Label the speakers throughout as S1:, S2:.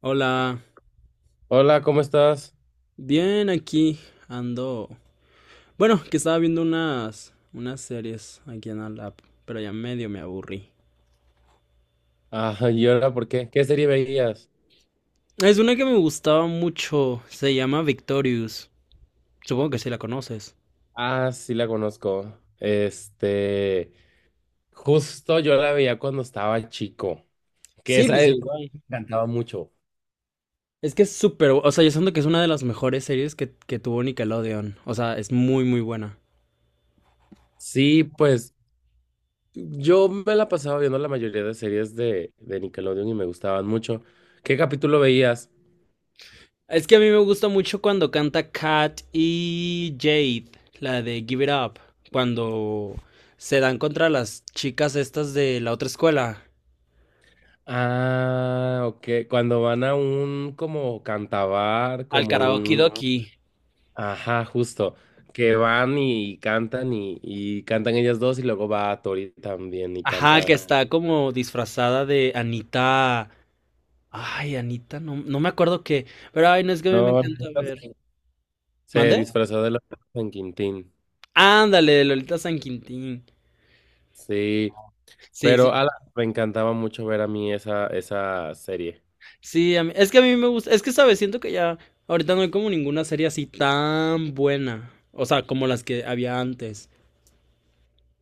S1: Hola,
S2: Hola, ¿cómo estás?
S1: bien aquí ando. Bueno, que estaba viendo unas series aquí en la lap, pero ya medio me aburrí.
S2: Ah, ¿y ahora por qué? ¿Qué serie veías?
S1: Es una que me gustaba mucho, se llama Victorious. Supongo que sí la conoces.
S2: Ah, sí la conozco. Este, justo yo la veía cuando estaba chico, que
S1: Sí,
S2: esa
S1: pues sí,
S2: es-
S1: igual.
S2: me encantaba mucho.
S1: Es que es súper, o sea, yo siento que es una de las mejores series que tuvo Nickelodeon. O sea, es muy, muy buena.
S2: Sí, pues yo me la pasaba viendo la mayoría de series de Nickelodeon y me gustaban mucho. ¿Qué capítulo veías?
S1: Es que a mí me gusta mucho cuando canta Kat y Jade, la de Give It Up, cuando se dan contra las chicas estas de la otra escuela.
S2: Ah, ok, cuando van a un como cantabar,
S1: Al
S2: como
S1: karaoke
S2: un...
S1: doki.
S2: Ajá, justo. Que van y cantan y cantan ellas dos y luego va Tori también y
S1: Ajá, que
S2: canta.
S1: está como disfrazada de Anita. Ay, Anita, no, no me acuerdo qué. Pero ay, no es que a mí me
S2: No,
S1: encanta ver.
S2: se
S1: ¿Mandé?
S2: disfrazó de la San Quintín.
S1: Ándale, de Lolita San Quintín.
S2: Sí,
S1: Sí,
S2: pero
S1: sí.
S2: ala, me encantaba mucho ver a mí esa, esa serie.
S1: Sí, es que a mí me gusta. Es que, ¿sabes? Siento que ya. Ahorita no hay como ninguna serie así tan buena. O sea, como las que había antes.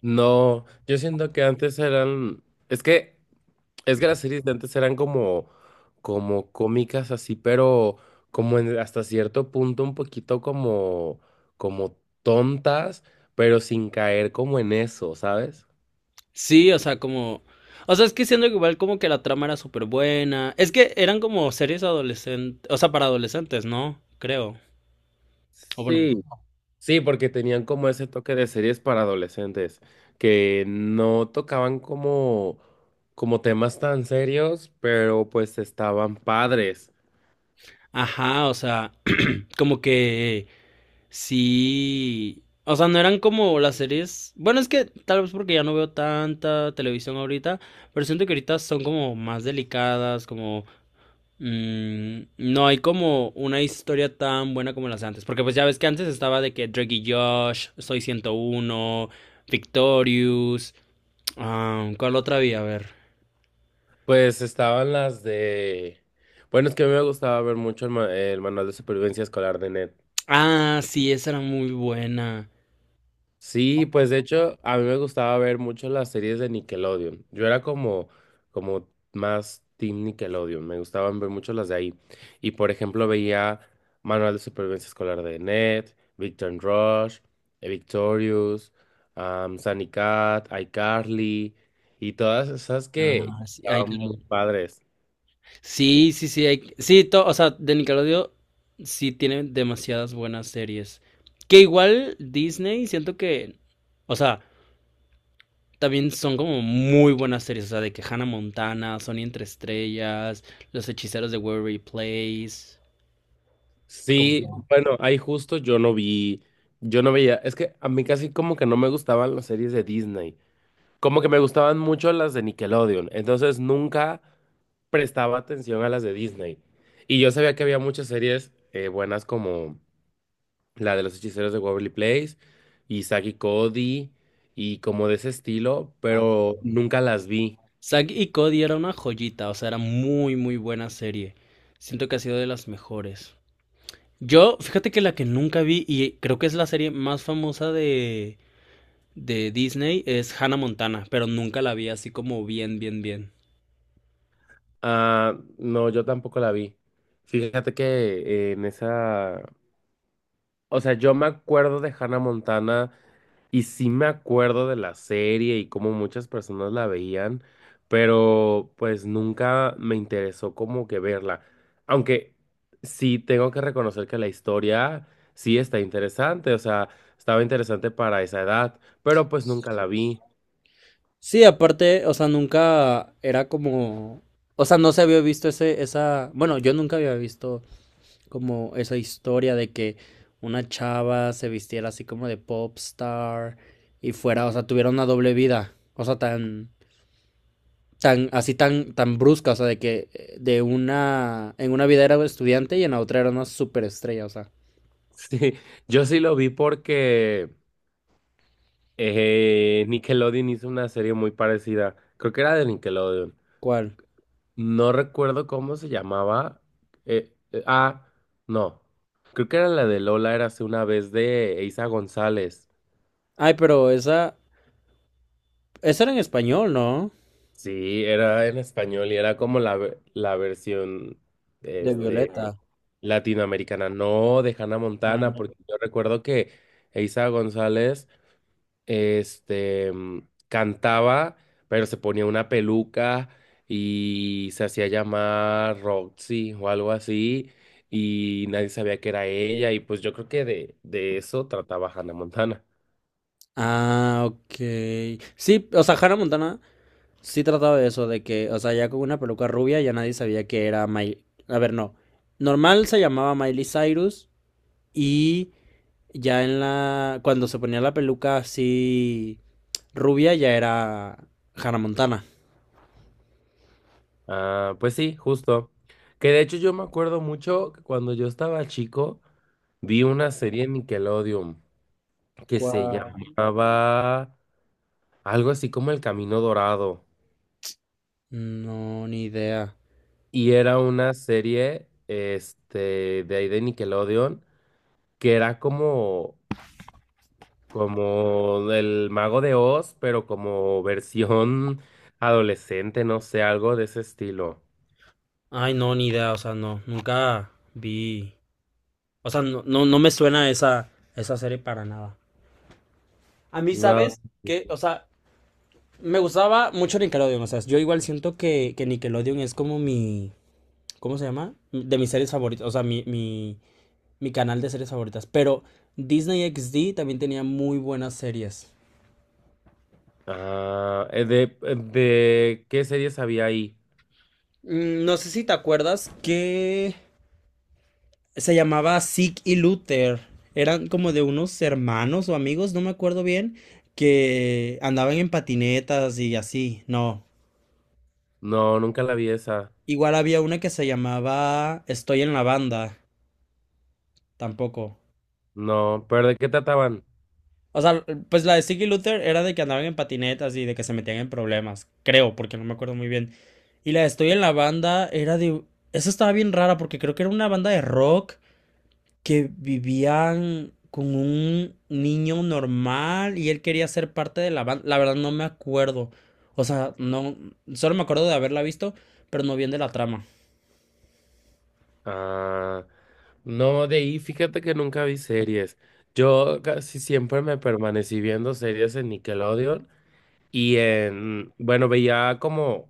S2: No, yo siento que antes eran, es que es que las series de antes eran como, como cómicas así, pero hasta cierto punto un poquito como, como tontas, pero sin caer como en eso, ¿sabes?
S1: Sí, o sea, como. O sea, es que siendo que igual como que la trama era súper buena. Es que eran como series adolescentes. O sea, para adolescentes, ¿no? Creo. O bueno.
S2: Sí, sí, porque tenían como ese toque de series para adolescentes, que no tocaban como, como temas tan serios, pero pues estaban padres.
S1: Ajá, o sea, como que sí. O sea, no eran como las series. Bueno, es que tal vez porque ya no veo tanta televisión ahorita, pero siento que ahorita son como más delicadas, como no hay como una historia tan buena como las de antes, porque pues ya ves que antes estaba de que Drake y Josh, Soy ciento uno, Victorious, ah, ¿cuál otra había? A ver.
S2: Pues estaban las de... Bueno, es que a mí me gustaba ver mucho el manual de supervivencia escolar de Ned.
S1: Ah, sí, esa era muy buena.
S2: Sí, pues de hecho a mí me gustaba ver mucho las series de Nickelodeon. Yo era como, como más team Nickelodeon. Me gustaban ver mucho las de ahí. Y por ejemplo veía Manual de Supervivencia Escolar de Ned, Victor and Rush, Victorious, Sunny Cat, iCarly y todas esas que
S1: Ah, sí, ay,
S2: estaban
S1: claro.
S2: muy padres.
S1: Sí, sí, sí, o sea, de Nickelodeon sí tiene demasiadas buenas series. Que igual Disney, siento que, o sea, también son como muy buenas series, o sea, de que Hannah Montana, Sony entre estrellas, Los hechiceros de Waverly Place, como que,
S2: Sí, bueno, ahí justo yo no vi, yo no veía, es que a mí casi como que no me gustaban las series de Disney, como que me gustaban mucho las de Nickelodeon, entonces nunca prestaba atención a las de Disney. Y yo sabía que había muchas series buenas como la de los hechiceros de Waverly Place y Saki Cody y como de ese estilo,
S1: ah,
S2: pero nunca las vi.
S1: Zack y Cody era una joyita, o sea, era muy, muy buena serie. Siento que ha sido de las mejores. Yo, fíjate que la que nunca vi y creo que es la serie más famosa de Disney es Hannah Montana, pero nunca la vi así como bien, bien, bien.
S2: Ah, no, yo tampoco la vi. Fíjate que en esa o sea, yo me acuerdo de Hannah Montana y sí me acuerdo de la serie y cómo muchas personas la veían, pero pues nunca me interesó como que verla. Aunque sí tengo que reconocer que la historia sí está interesante, o sea, estaba interesante para esa edad, pero pues nunca la vi.
S1: Sí, aparte, o sea, nunca era como. O sea, no se había visto ese, esa. Bueno, yo nunca había visto como esa historia de que una chava se vistiera así como de pop star y fuera, o sea, tuviera una doble vida. O sea, tan. Tan, así tan, tan brusca. O sea, de que de una. En una vida era estudiante y en la otra era una superestrella. O sea,
S2: Sí, yo sí lo vi porque Nickelodeon hizo una serie muy parecida, creo que era de Nickelodeon.
S1: ¿cuál?
S2: No recuerdo cómo se llamaba. Ah, no. Creo que era la de Lola, era hace una vez de Eiza González.
S1: Ay, pero esa. Esa era en español, ¿no?
S2: Sí, era en español y era como la versión
S1: De
S2: este,
S1: Violeta.
S2: latinoamericana, no de Hannah
S1: Ah, ujú.
S2: Montana,
S1: No.
S2: porque yo recuerdo que Eiza González este, cantaba, pero se ponía una peluca y se hacía llamar Roxy o algo así, y nadie sabía que era ella, y pues yo creo que de eso trataba Hannah Montana.
S1: Ah, ok. Sí, o sea, Hannah Montana sí trataba de eso, de que, o sea, ya con una peluca rubia ya nadie sabía que era Miley. A ver, no. Normal se llamaba Miley Cyrus y ya en la... Cuando se ponía la peluca así rubia ya era Hannah Montana.
S2: Ah, pues sí, justo. Que de hecho yo me acuerdo mucho que cuando yo estaba chico, vi una serie en Nickelodeon que se
S1: ¿Cuál?
S2: llamaba algo así como El Camino Dorado.
S1: No, ni idea.
S2: Y era una serie, este, de ahí de Nickelodeon que era como, como el Mago de Oz, pero como versión adolescente, no sé, algo de ese estilo.
S1: Ay, no, ni idea, o sea, no, nunca vi. O sea, no, no, no me suena esa, esa serie para nada. A mí,
S2: No.
S1: ¿sabes? Que, o sea, me gustaba mucho Nickelodeon. O sea, yo igual siento que Nickelodeon es como mi. ¿Cómo se llama? De mis series favoritas. O sea, mi canal de series favoritas. Pero Disney XD también tenía muy buenas series.
S2: Ah, ¿de qué series había ahí?
S1: No sé si te acuerdas que se llamaba Zig y Luther. Eran como de unos hermanos o amigos, no me acuerdo bien, que andaban en patinetas y así. No.
S2: No, nunca la vi esa.
S1: Igual había una que se llamaba Estoy en la banda. Tampoco.
S2: No, pero ¿de qué trataban?
S1: O sea, pues la de Ziggy Luther era de que andaban en patinetas y de que se metían en problemas. Creo, porque no me acuerdo muy bien. Y la de Estoy en la banda era de... Esa estaba bien rara porque creo que era una banda de rock que vivían con un niño normal y él quería ser parte de la banda. La verdad no me acuerdo. O sea, no... Solo me acuerdo de haberla visto, pero no bien de la trama.
S2: Ah, no, de ahí fíjate que nunca vi series. Yo casi siempre me permanecí viendo series en Nickelodeon y en, bueno, veía como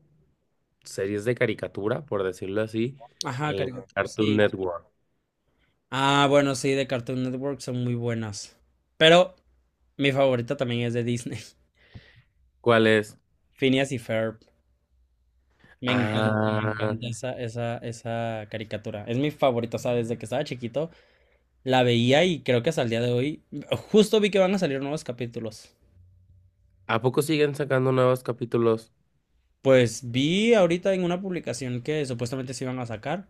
S2: series de caricatura, por decirlo así,
S1: Ajá,
S2: en
S1: caricatura.
S2: Cartoon
S1: Sí.
S2: Network.
S1: Ah, bueno, sí, de Cartoon Network son muy buenas. Pero mi favorita también es de Disney.
S2: ¿Cuál es?
S1: Phineas y Ferb. Me
S2: Ah,
S1: encanta esa caricatura. Es mi favorita, o sea, desde que estaba chiquito la veía y creo que hasta el día de hoy, justo vi que van a salir nuevos capítulos.
S2: ¿a poco siguen sacando nuevos capítulos?
S1: Pues vi ahorita en una publicación que supuestamente se iban a sacar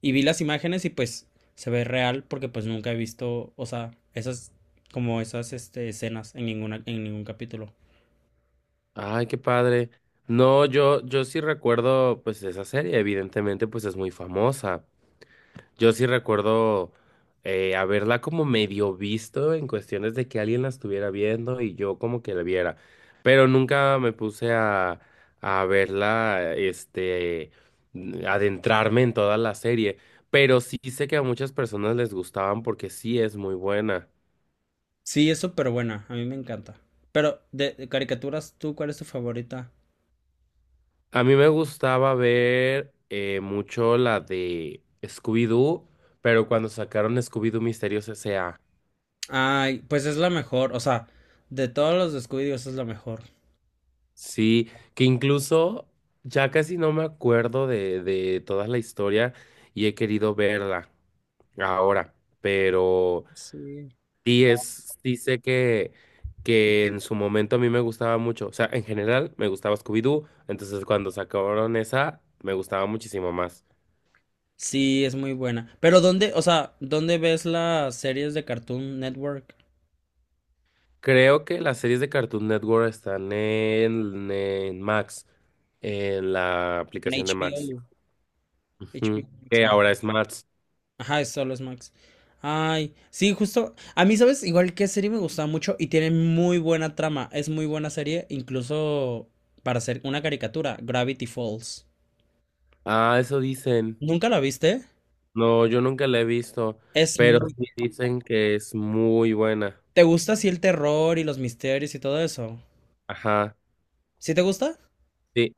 S1: y vi las imágenes y pues se ve real porque pues nunca he visto, o sea, esas como esas este, escenas en ninguna en ningún capítulo.
S2: Ay, qué padre. No, yo sí recuerdo, pues, esa serie, evidentemente, pues es muy famosa. Yo sí recuerdo haberla como medio visto en cuestiones de que alguien la estuviera viendo y yo como que la viera, pero nunca me puse a verla, este, adentrarme en toda la serie, pero sí sé que a muchas personas les gustaban porque sí es muy buena.
S1: Sí, es súper buena, a mí me encanta. Pero de caricaturas, ¿tú cuál es tu favorita?
S2: A mí me gustaba ver mucho la de Scooby-Doo, pero cuando sacaron Scooby-Doo Misterios S.A.
S1: Ay, pues es la mejor, o sea, de todos los de Scooby-Doo esa es la mejor.
S2: Sí, que incluso ya casi no me acuerdo de toda la historia y he querido verla ahora, pero
S1: Sí.
S2: sí es, sí sé que en su momento a mí me gustaba mucho, o sea, en general me gustaba Scooby-Doo, entonces cuando sacaron esa me gustaba muchísimo más.
S1: Sí, es muy buena. Pero ¿dónde, o sea, dónde ves las series de Cartoon Network?
S2: Creo que las series de Cartoon Network están en Max, en la
S1: En
S2: aplicación de Max,
S1: HBO.
S2: ujú,
S1: HBO Max.
S2: que
S1: Ah.
S2: ahora es Max.
S1: Ajá, es solo es Max. Ay, sí, justo. A mí, ¿sabes? Igual que serie me gusta mucho y tiene muy buena trama. Es muy buena serie, incluso para hacer una caricatura, Gravity Falls.
S2: Ah, eso dicen.
S1: ¿Nunca la viste?
S2: No, yo nunca la he visto,
S1: Es
S2: pero
S1: muy...
S2: sí dicen que es muy buena.
S1: ¿Te gusta así el terror y los misterios y todo eso?
S2: Ajá,
S1: ¿Sí te gusta?
S2: sí.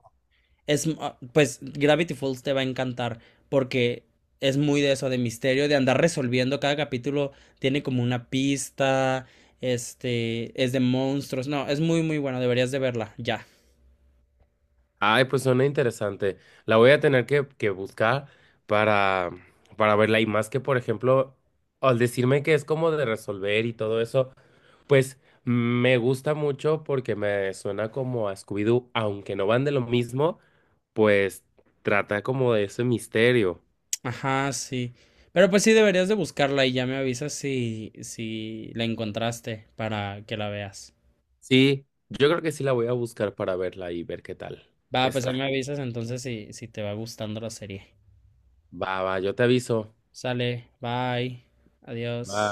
S1: Es, ah, pues Gravity Falls te va a encantar porque es muy de eso, de misterio, de andar resolviendo. Cada capítulo tiene como una pista, este, es de monstruos. No, es muy, muy bueno. Deberías de verla, ya.
S2: Ay, pues suena interesante. La voy a tener que buscar para, para verla. Y más que, por ejemplo, al decirme que es como de resolver y todo eso, pues me gusta mucho porque me suena como a Scooby-Doo, aunque no van de lo mismo, pues trata como de ese misterio.
S1: Ajá, sí. Pero pues sí, deberías de buscarla y ya me avisas si, si la encontraste para que la veas.
S2: Sí, yo creo que sí la voy a buscar para verla y ver qué tal
S1: Va, pues
S2: está.
S1: ahí me avisas entonces si, si te va gustando la serie.
S2: Va, va, yo te aviso.
S1: Sale, bye, adiós.
S2: Va.